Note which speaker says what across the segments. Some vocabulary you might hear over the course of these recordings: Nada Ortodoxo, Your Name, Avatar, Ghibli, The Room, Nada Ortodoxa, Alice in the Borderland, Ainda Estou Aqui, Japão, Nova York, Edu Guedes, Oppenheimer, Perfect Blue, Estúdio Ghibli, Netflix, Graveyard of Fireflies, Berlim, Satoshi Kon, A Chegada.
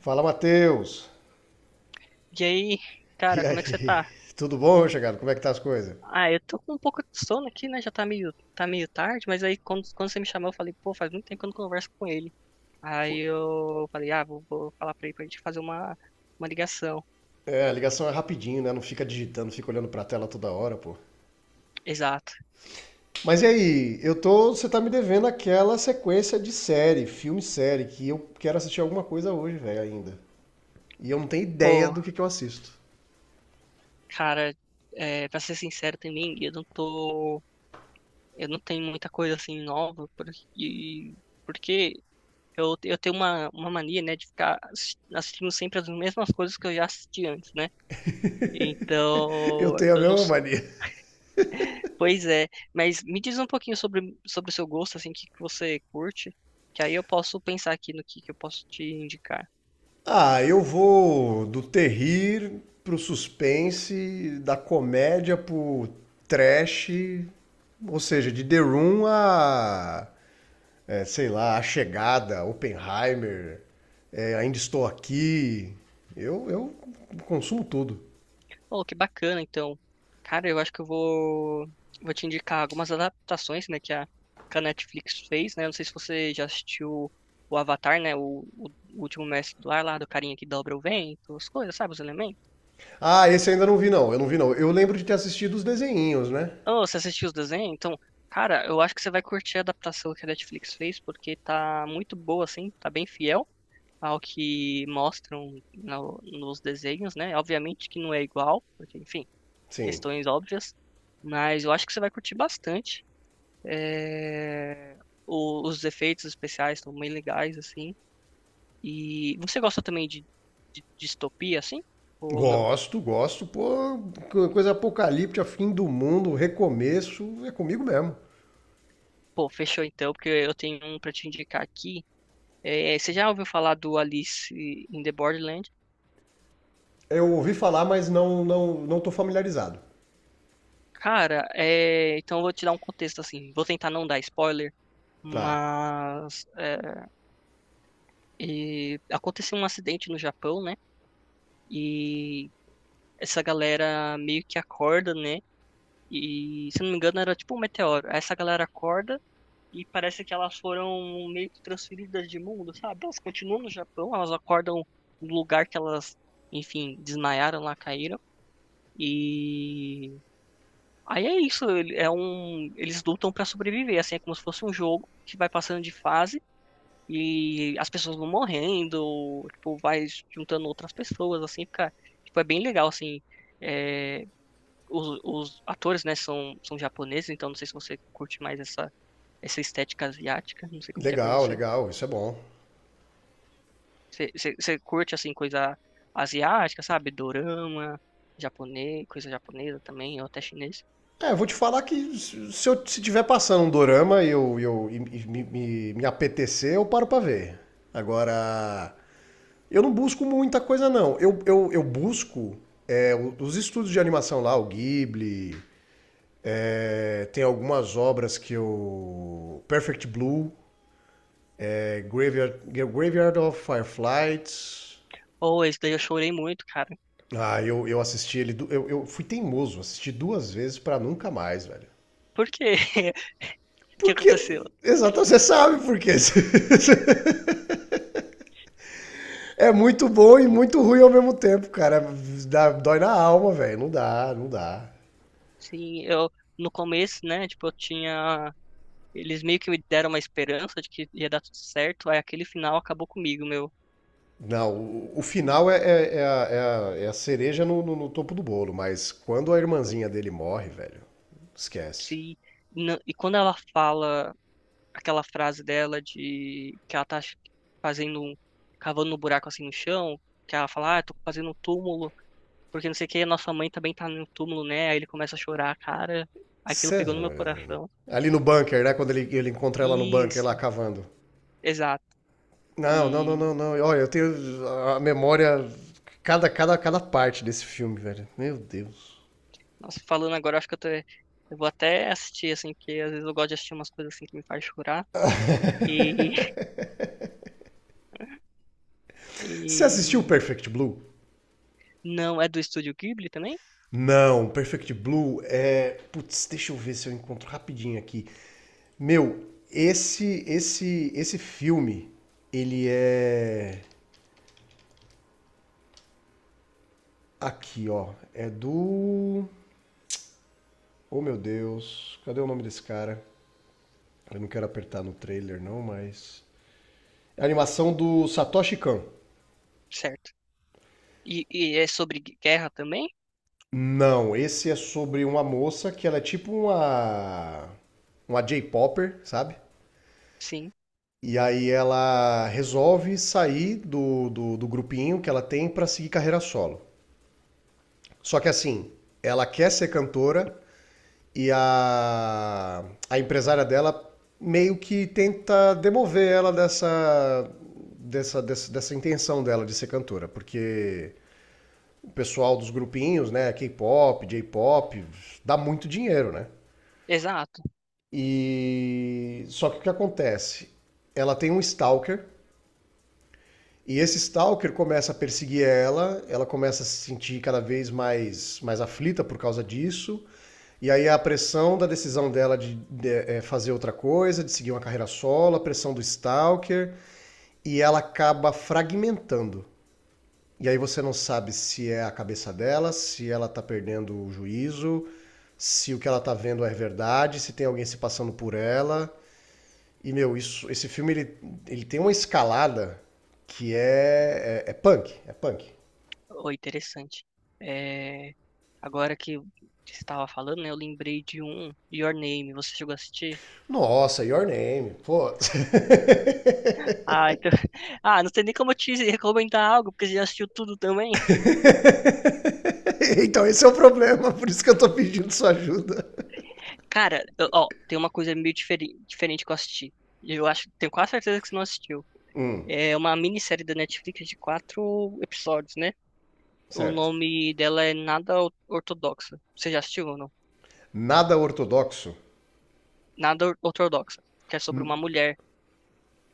Speaker 1: Fala, Matheus!
Speaker 2: E aí,
Speaker 1: E
Speaker 2: cara, como é que você
Speaker 1: aí?
Speaker 2: tá?
Speaker 1: Tudo bom, meu chegado? Como é que tá as coisas?
Speaker 2: Ah, eu tô com um pouco de sono aqui, né? Já tá meio tarde, mas aí quando você me chamou, eu falei, pô, faz muito tempo que eu não converso com ele.
Speaker 1: Pô,
Speaker 2: Aí eu falei, ah, vou falar pra ele pra gente fazer uma ligação.
Speaker 1: é, a ligação é rapidinho, né? Não fica digitando, fica olhando pra tela toda hora, pô.
Speaker 2: Exato.
Speaker 1: Mas e aí? Eu tô, você tá me devendo aquela sequência de série, filme e série, que eu quero assistir alguma coisa hoje, velho, ainda. E eu não tenho ideia
Speaker 2: Pô,
Speaker 1: do que eu assisto.
Speaker 2: cara, é, pra ser sincero também, eu não tenho muita coisa assim nova, porque eu tenho uma mania, né, de ficar assistindo sempre as mesmas coisas que eu já assisti antes, né?
Speaker 1: Eu
Speaker 2: Então,
Speaker 1: tenho a
Speaker 2: eu não
Speaker 1: mesma
Speaker 2: sou.
Speaker 1: mania.
Speaker 2: Pois é, mas me diz um pouquinho sobre o seu gosto, assim, o que que você curte, que aí eu posso pensar aqui no que eu posso te indicar.
Speaker 1: Ah, eu vou do terrir pro suspense, da comédia pro trash, ou seja, de The Room a é, sei lá, A Chegada, Oppenheimer, é, Ainda Estou Aqui. Eu consumo tudo.
Speaker 2: Oh, que bacana, então. Cara, eu acho que eu vou te indicar algumas adaptações, né, que a Netflix fez, né? Eu não sei se você já assistiu o Avatar, né? O último mestre do ar lá, do carinha que dobra o vento, as coisas, sabe? Os elementos.
Speaker 1: Ah, esse eu ainda não vi, não. Eu não vi, não. Eu lembro de ter assistido os desenhinhos, né?
Speaker 2: Oh, você assistiu os desenhos? Então, cara, eu acho que você vai curtir a adaptação que a Netflix fez, porque tá muito boa, assim, tá bem fiel ao que mostram nos desenhos, né? Obviamente que não é igual, porque, enfim,
Speaker 1: Sim.
Speaker 2: questões óbvias. Mas eu acho que você vai curtir bastante. É, os efeitos especiais estão bem legais, assim. E você gosta também de distopia, assim? Ou não?
Speaker 1: Gosto, gosto. Pô, coisa apocalíptica, fim do mundo, recomeço, é comigo mesmo.
Speaker 2: Pô, fechou então, porque eu tenho um pra te indicar aqui. É, você já ouviu falar do Alice in the Borderland?
Speaker 1: Eu ouvi falar, mas não tô familiarizado.
Speaker 2: Cara, é, então eu vou te dar um contexto, assim. Vou tentar não dar spoiler,
Speaker 1: Tá.
Speaker 2: mas é, e aconteceu um acidente no Japão, né? E essa galera meio que acorda, né? E, se não me engano, era tipo um meteoro. Essa galera acorda e parece que elas foram meio que transferidas de mundo, sabe? Elas continuam no Japão, elas acordam no lugar que elas, enfim, desmaiaram lá, caíram. E aí é isso, eles lutam pra sobreviver, assim, é como se fosse um jogo que vai passando de fase e as pessoas vão morrendo, tipo, vai juntando outras pessoas, assim, fica, tipo, é bem legal, assim, é, os atores, né, são japoneses, então não sei se você curte mais essa estética asiática, não sei como que é pra
Speaker 1: Legal,
Speaker 2: você.
Speaker 1: legal. Isso é bom.
Speaker 2: Você curte, assim, coisa asiática, sabe? Dorama, japonês, coisa japonesa também, ou até chinês.
Speaker 1: É, eu vou te falar que se eu se tiver passando um dorama e eu me apetecer, eu paro pra ver. Agora, eu não busco muita coisa, não. Eu busco é, os estudos de animação lá, o Ghibli, é, tem algumas obras que eu. Perfect Blue, é, Graveyard of Fireflies.
Speaker 2: Ou esse daí eu chorei muito, cara.
Speaker 1: Ah, eu assisti ele. Eu fui teimoso, assisti duas vezes pra nunca mais, velho.
Speaker 2: Por quê? O que
Speaker 1: Porque.
Speaker 2: aconteceu?
Speaker 1: Exato, você sabe por quê. É muito bom e muito ruim ao mesmo tempo, cara. Dá, dói na alma, velho. Não dá, não dá.
Speaker 2: Sim, eu, no começo, né, tipo, eu tinha. Eles meio que me deram uma esperança de que ia dar tudo certo, aí aquele final acabou comigo, meu.
Speaker 1: Não, o final é a cereja no topo do bolo, mas quando a
Speaker 2: Mas
Speaker 1: irmãzinha dele morre, velho, esquece.
Speaker 2: Se, não- e quando ela fala aquela frase dela de que ela tá fazendo um, cavando um buraco assim no chão, que ela fala, ah, tô fazendo um túmulo, porque não sei o que, nossa mãe também tá no túmulo, né? Aí ele começa a chorar, cara, aquilo
Speaker 1: Cê-
Speaker 2: pegou no meu coração.
Speaker 1: ali no bunker, né? Quando ele encontra ela no bunker lá
Speaker 2: Isso,
Speaker 1: cavando.
Speaker 2: exato.
Speaker 1: Não, não, não,
Speaker 2: E,
Speaker 1: não, não. Olha, eu tenho a memória. Cada parte desse filme, velho. Meu Deus.
Speaker 2: nossa, falando agora, acho que eu vou até assistir, assim, porque às vezes eu gosto de assistir umas coisas assim que me faz chorar. E,
Speaker 1: Você assistiu
Speaker 2: e,
Speaker 1: Perfect Blue?
Speaker 2: não, é do Estúdio Ghibli também?
Speaker 1: Não, Perfect Blue é. Putz, deixa eu ver se eu encontro rapidinho aqui. Meu, esse filme, ele é aqui, ó, é do Oh, meu Deus, cadê o nome desse cara? Eu não quero apertar no trailer não, mas é a animação do Satoshi Kon.
Speaker 2: Certo. E é sobre guerra também?
Speaker 1: Não, esse é sobre uma moça que ela é tipo uma J-popper, sabe?
Speaker 2: Sim,
Speaker 1: E aí ela resolve sair do grupinho que ela tem pra seguir carreira solo. Só que assim, ela quer ser cantora e a empresária dela meio que tenta demover ela dessa intenção dela de ser cantora, porque o pessoal dos grupinhos, né, K-pop, J-pop, dá muito dinheiro, né?
Speaker 2: exato.
Speaker 1: E só que o que acontece? Ela tem um stalker. E esse stalker começa a perseguir ela, ela começa a se sentir cada vez mais, mais aflita por causa disso. E aí a pressão da decisão dela de fazer outra coisa, de seguir uma carreira solo, a pressão do stalker, e ela acaba fragmentando. E aí você não sabe se é a cabeça dela, se ela tá perdendo o juízo, se o que ela tá vendo é verdade, se tem alguém se passando por ela. E, meu, ele tem uma escalada que é punk. É punk.
Speaker 2: Oh, interessante. É, agora que você estava falando, né, eu lembrei de um, Your Name, você chegou a assistir?
Speaker 1: Nossa, your name. Pô.
Speaker 2: Ah, então. Ah, não sei nem como eu te recomendar algo, porque você já assistiu tudo também.
Speaker 1: Então esse é o problema, por isso que eu tô pedindo sua ajuda.
Speaker 2: Cara, ó, tem uma coisa meio diferente que eu assisti. Eu acho, tenho quase certeza que você não assistiu. É uma minissérie da Netflix de quatro episódios, né? O
Speaker 1: Certo.
Speaker 2: nome dela é Nada Ortodoxa. Você já assistiu ou não?
Speaker 1: Nada ortodoxo.
Speaker 2: Nada Ortodoxa, que é sobre uma mulher.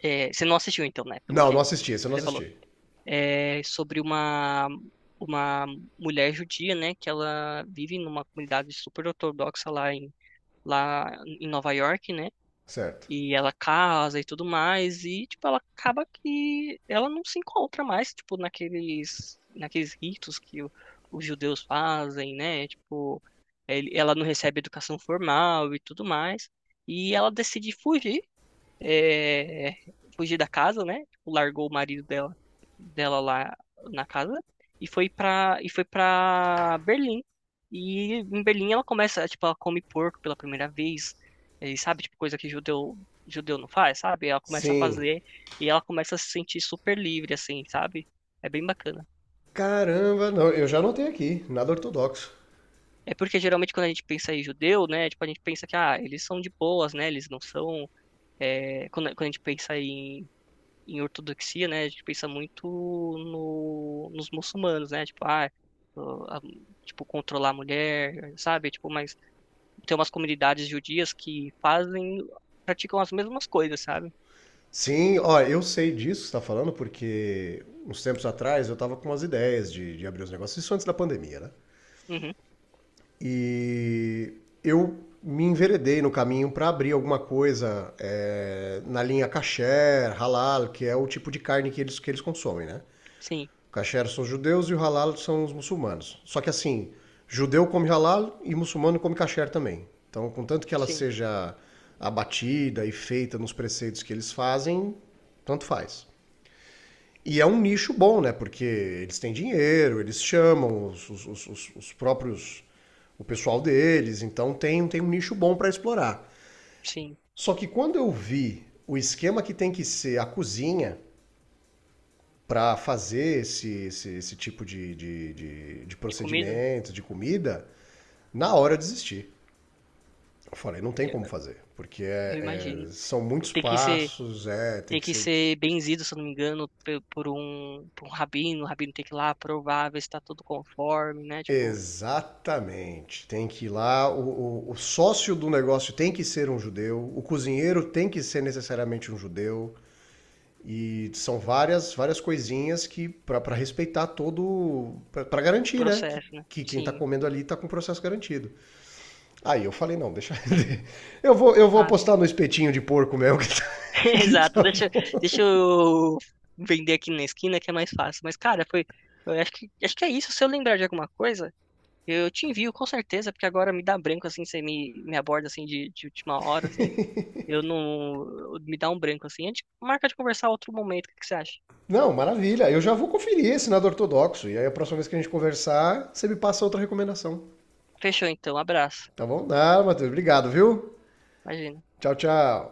Speaker 2: É, você não assistiu então, né? Pelo
Speaker 1: Não, não
Speaker 2: que
Speaker 1: assisti, esse eu não
Speaker 2: você falou.
Speaker 1: assisti.
Speaker 2: É, sobre uma mulher judia, né, que ela vive numa comunidade super ortodoxa lá em Nova York, né,
Speaker 1: Certo.
Speaker 2: e ela casa e tudo mais, e, tipo, ela acaba que ela não se encontra mais, tipo, naqueles ritos que os judeus fazem, né, tipo, ela não recebe educação formal e tudo mais, e ela decide fugir é, fugir da casa, né? Tipo, largou o marido dela lá na casa e foi pra Berlim. E em Berlim ela começa, tipo, ela come porco pela primeira vez, e sabe, tipo, coisa que judeu, judeu não faz, sabe? Ela começa a
Speaker 1: Sim.
Speaker 2: fazer e ela começa a se sentir super livre, assim, sabe? É bem bacana.
Speaker 1: Caramba, não, eu já anotei aqui. Nada ortodoxo.
Speaker 2: É porque geralmente quando a gente pensa em judeu, né, tipo, a gente pensa que, ah, eles são de boas, né, eles não são, é, quando a gente pensa em ortodoxia, né, a gente pensa muito no, nos muçulmanos, né, tipo, ah, o- a- tipo, controlar a mulher, sabe, tipo, mas tem umas comunidades judias que fazem, praticam as mesmas coisas, sabe?
Speaker 1: Sim, ó, eu sei disso que você tá falando, porque uns tempos atrás eu tava com umas ideias de abrir os negócios. Isso antes da pandemia, né?
Speaker 2: Uhum,
Speaker 1: E eu me enveredei no caminho para abrir alguma coisa é, na linha kasher, halal, que é o tipo de carne que eles consomem, né?
Speaker 2: sim,
Speaker 1: O kasher são os judeus e o halal são os muçulmanos. Só que assim, judeu come halal e muçulmano come kasher também. Então, contanto que ela
Speaker 2: sim,
Speaker 1: seja abatida e feita nos preceitos que eles fazem, tanto faz. E é um nicho bom, né? Porque eles têm dinheiro, eles chamam os próprios. O pessoal deles, então tem um nicho bom para explorar.
Speaker 2: sim,
Speaker 1: Só que quando eu vi o esquema que tem que ser a cozinha para fazer esse tipo de
Speaker 2: de comida,
Speaker 1: procedimento, de comida, na hora eu desisti. Eu falei, não tem
Speaker 2: eu,
Speaker 1: como fazer, porque
Speaker 2: eu imagino.
Speaker 1: são
Speaker 2: Tipo,
Speaker 1: muitos
Speaker 2: tem que ser,
Speaker 1: passos, é, tem
Speaker 2: tem
Speaker 1: que
Speaker 2: que
Speaker 1: ser
Speaker 2: ser benzido, se eu não me engano, por um rabino, o rabino tem que ir lá provar, ver se tá tudo conforme, né, tipo,
Speaker 1: exatamente. Tem que ir lá, o sócio do negócio tem que ser um judeu, o cozinheiro tem que ser necessariamente um judeu. E são várias coisinhas que para respeitar todo para
Speaker 2: o
Speaker 1: garantir, né,
Speaker 2: processo, né,
Speaker 1: que quem tá
Speaker 2: sim.
Speaker 1: comendo ali tá com o processo garantido. Aí eu falei, não, deixa eu vou
Speaker 2: Ah,
Speaker 1: apostar no espetinho de porco mesmo que tá, que
Speaker 2: Exato,
Speaker 1: tá
Speaker 2: deixa,
Speaker 1: bom.
Speaker 2: deixa eu vender aqui na esquina que é mais fácil. Mas, cara, foi. Eu acho que é isso. Se eu lembrar de alguma coisa, eu te envio com certeza, porque agora me dá branco assim, você me aborda assim de última hora, assim. Eu não. Me dá um branco assim. A gente marca de conversar outro momento, o que que você acha?
Speaker 1: Não, maravilha. Eu já vou conferir esse nada ortodoxo e aí a próxima vez que a gente conversar, você me passa outra recomendação.
Speaker 2: Fechou então, abraço.
Speaker 1: Tá bom? Nada, Matheus. Obrigado, viu?
Speaker 2: Imagina.
Speaker 1: Tchau, tchau.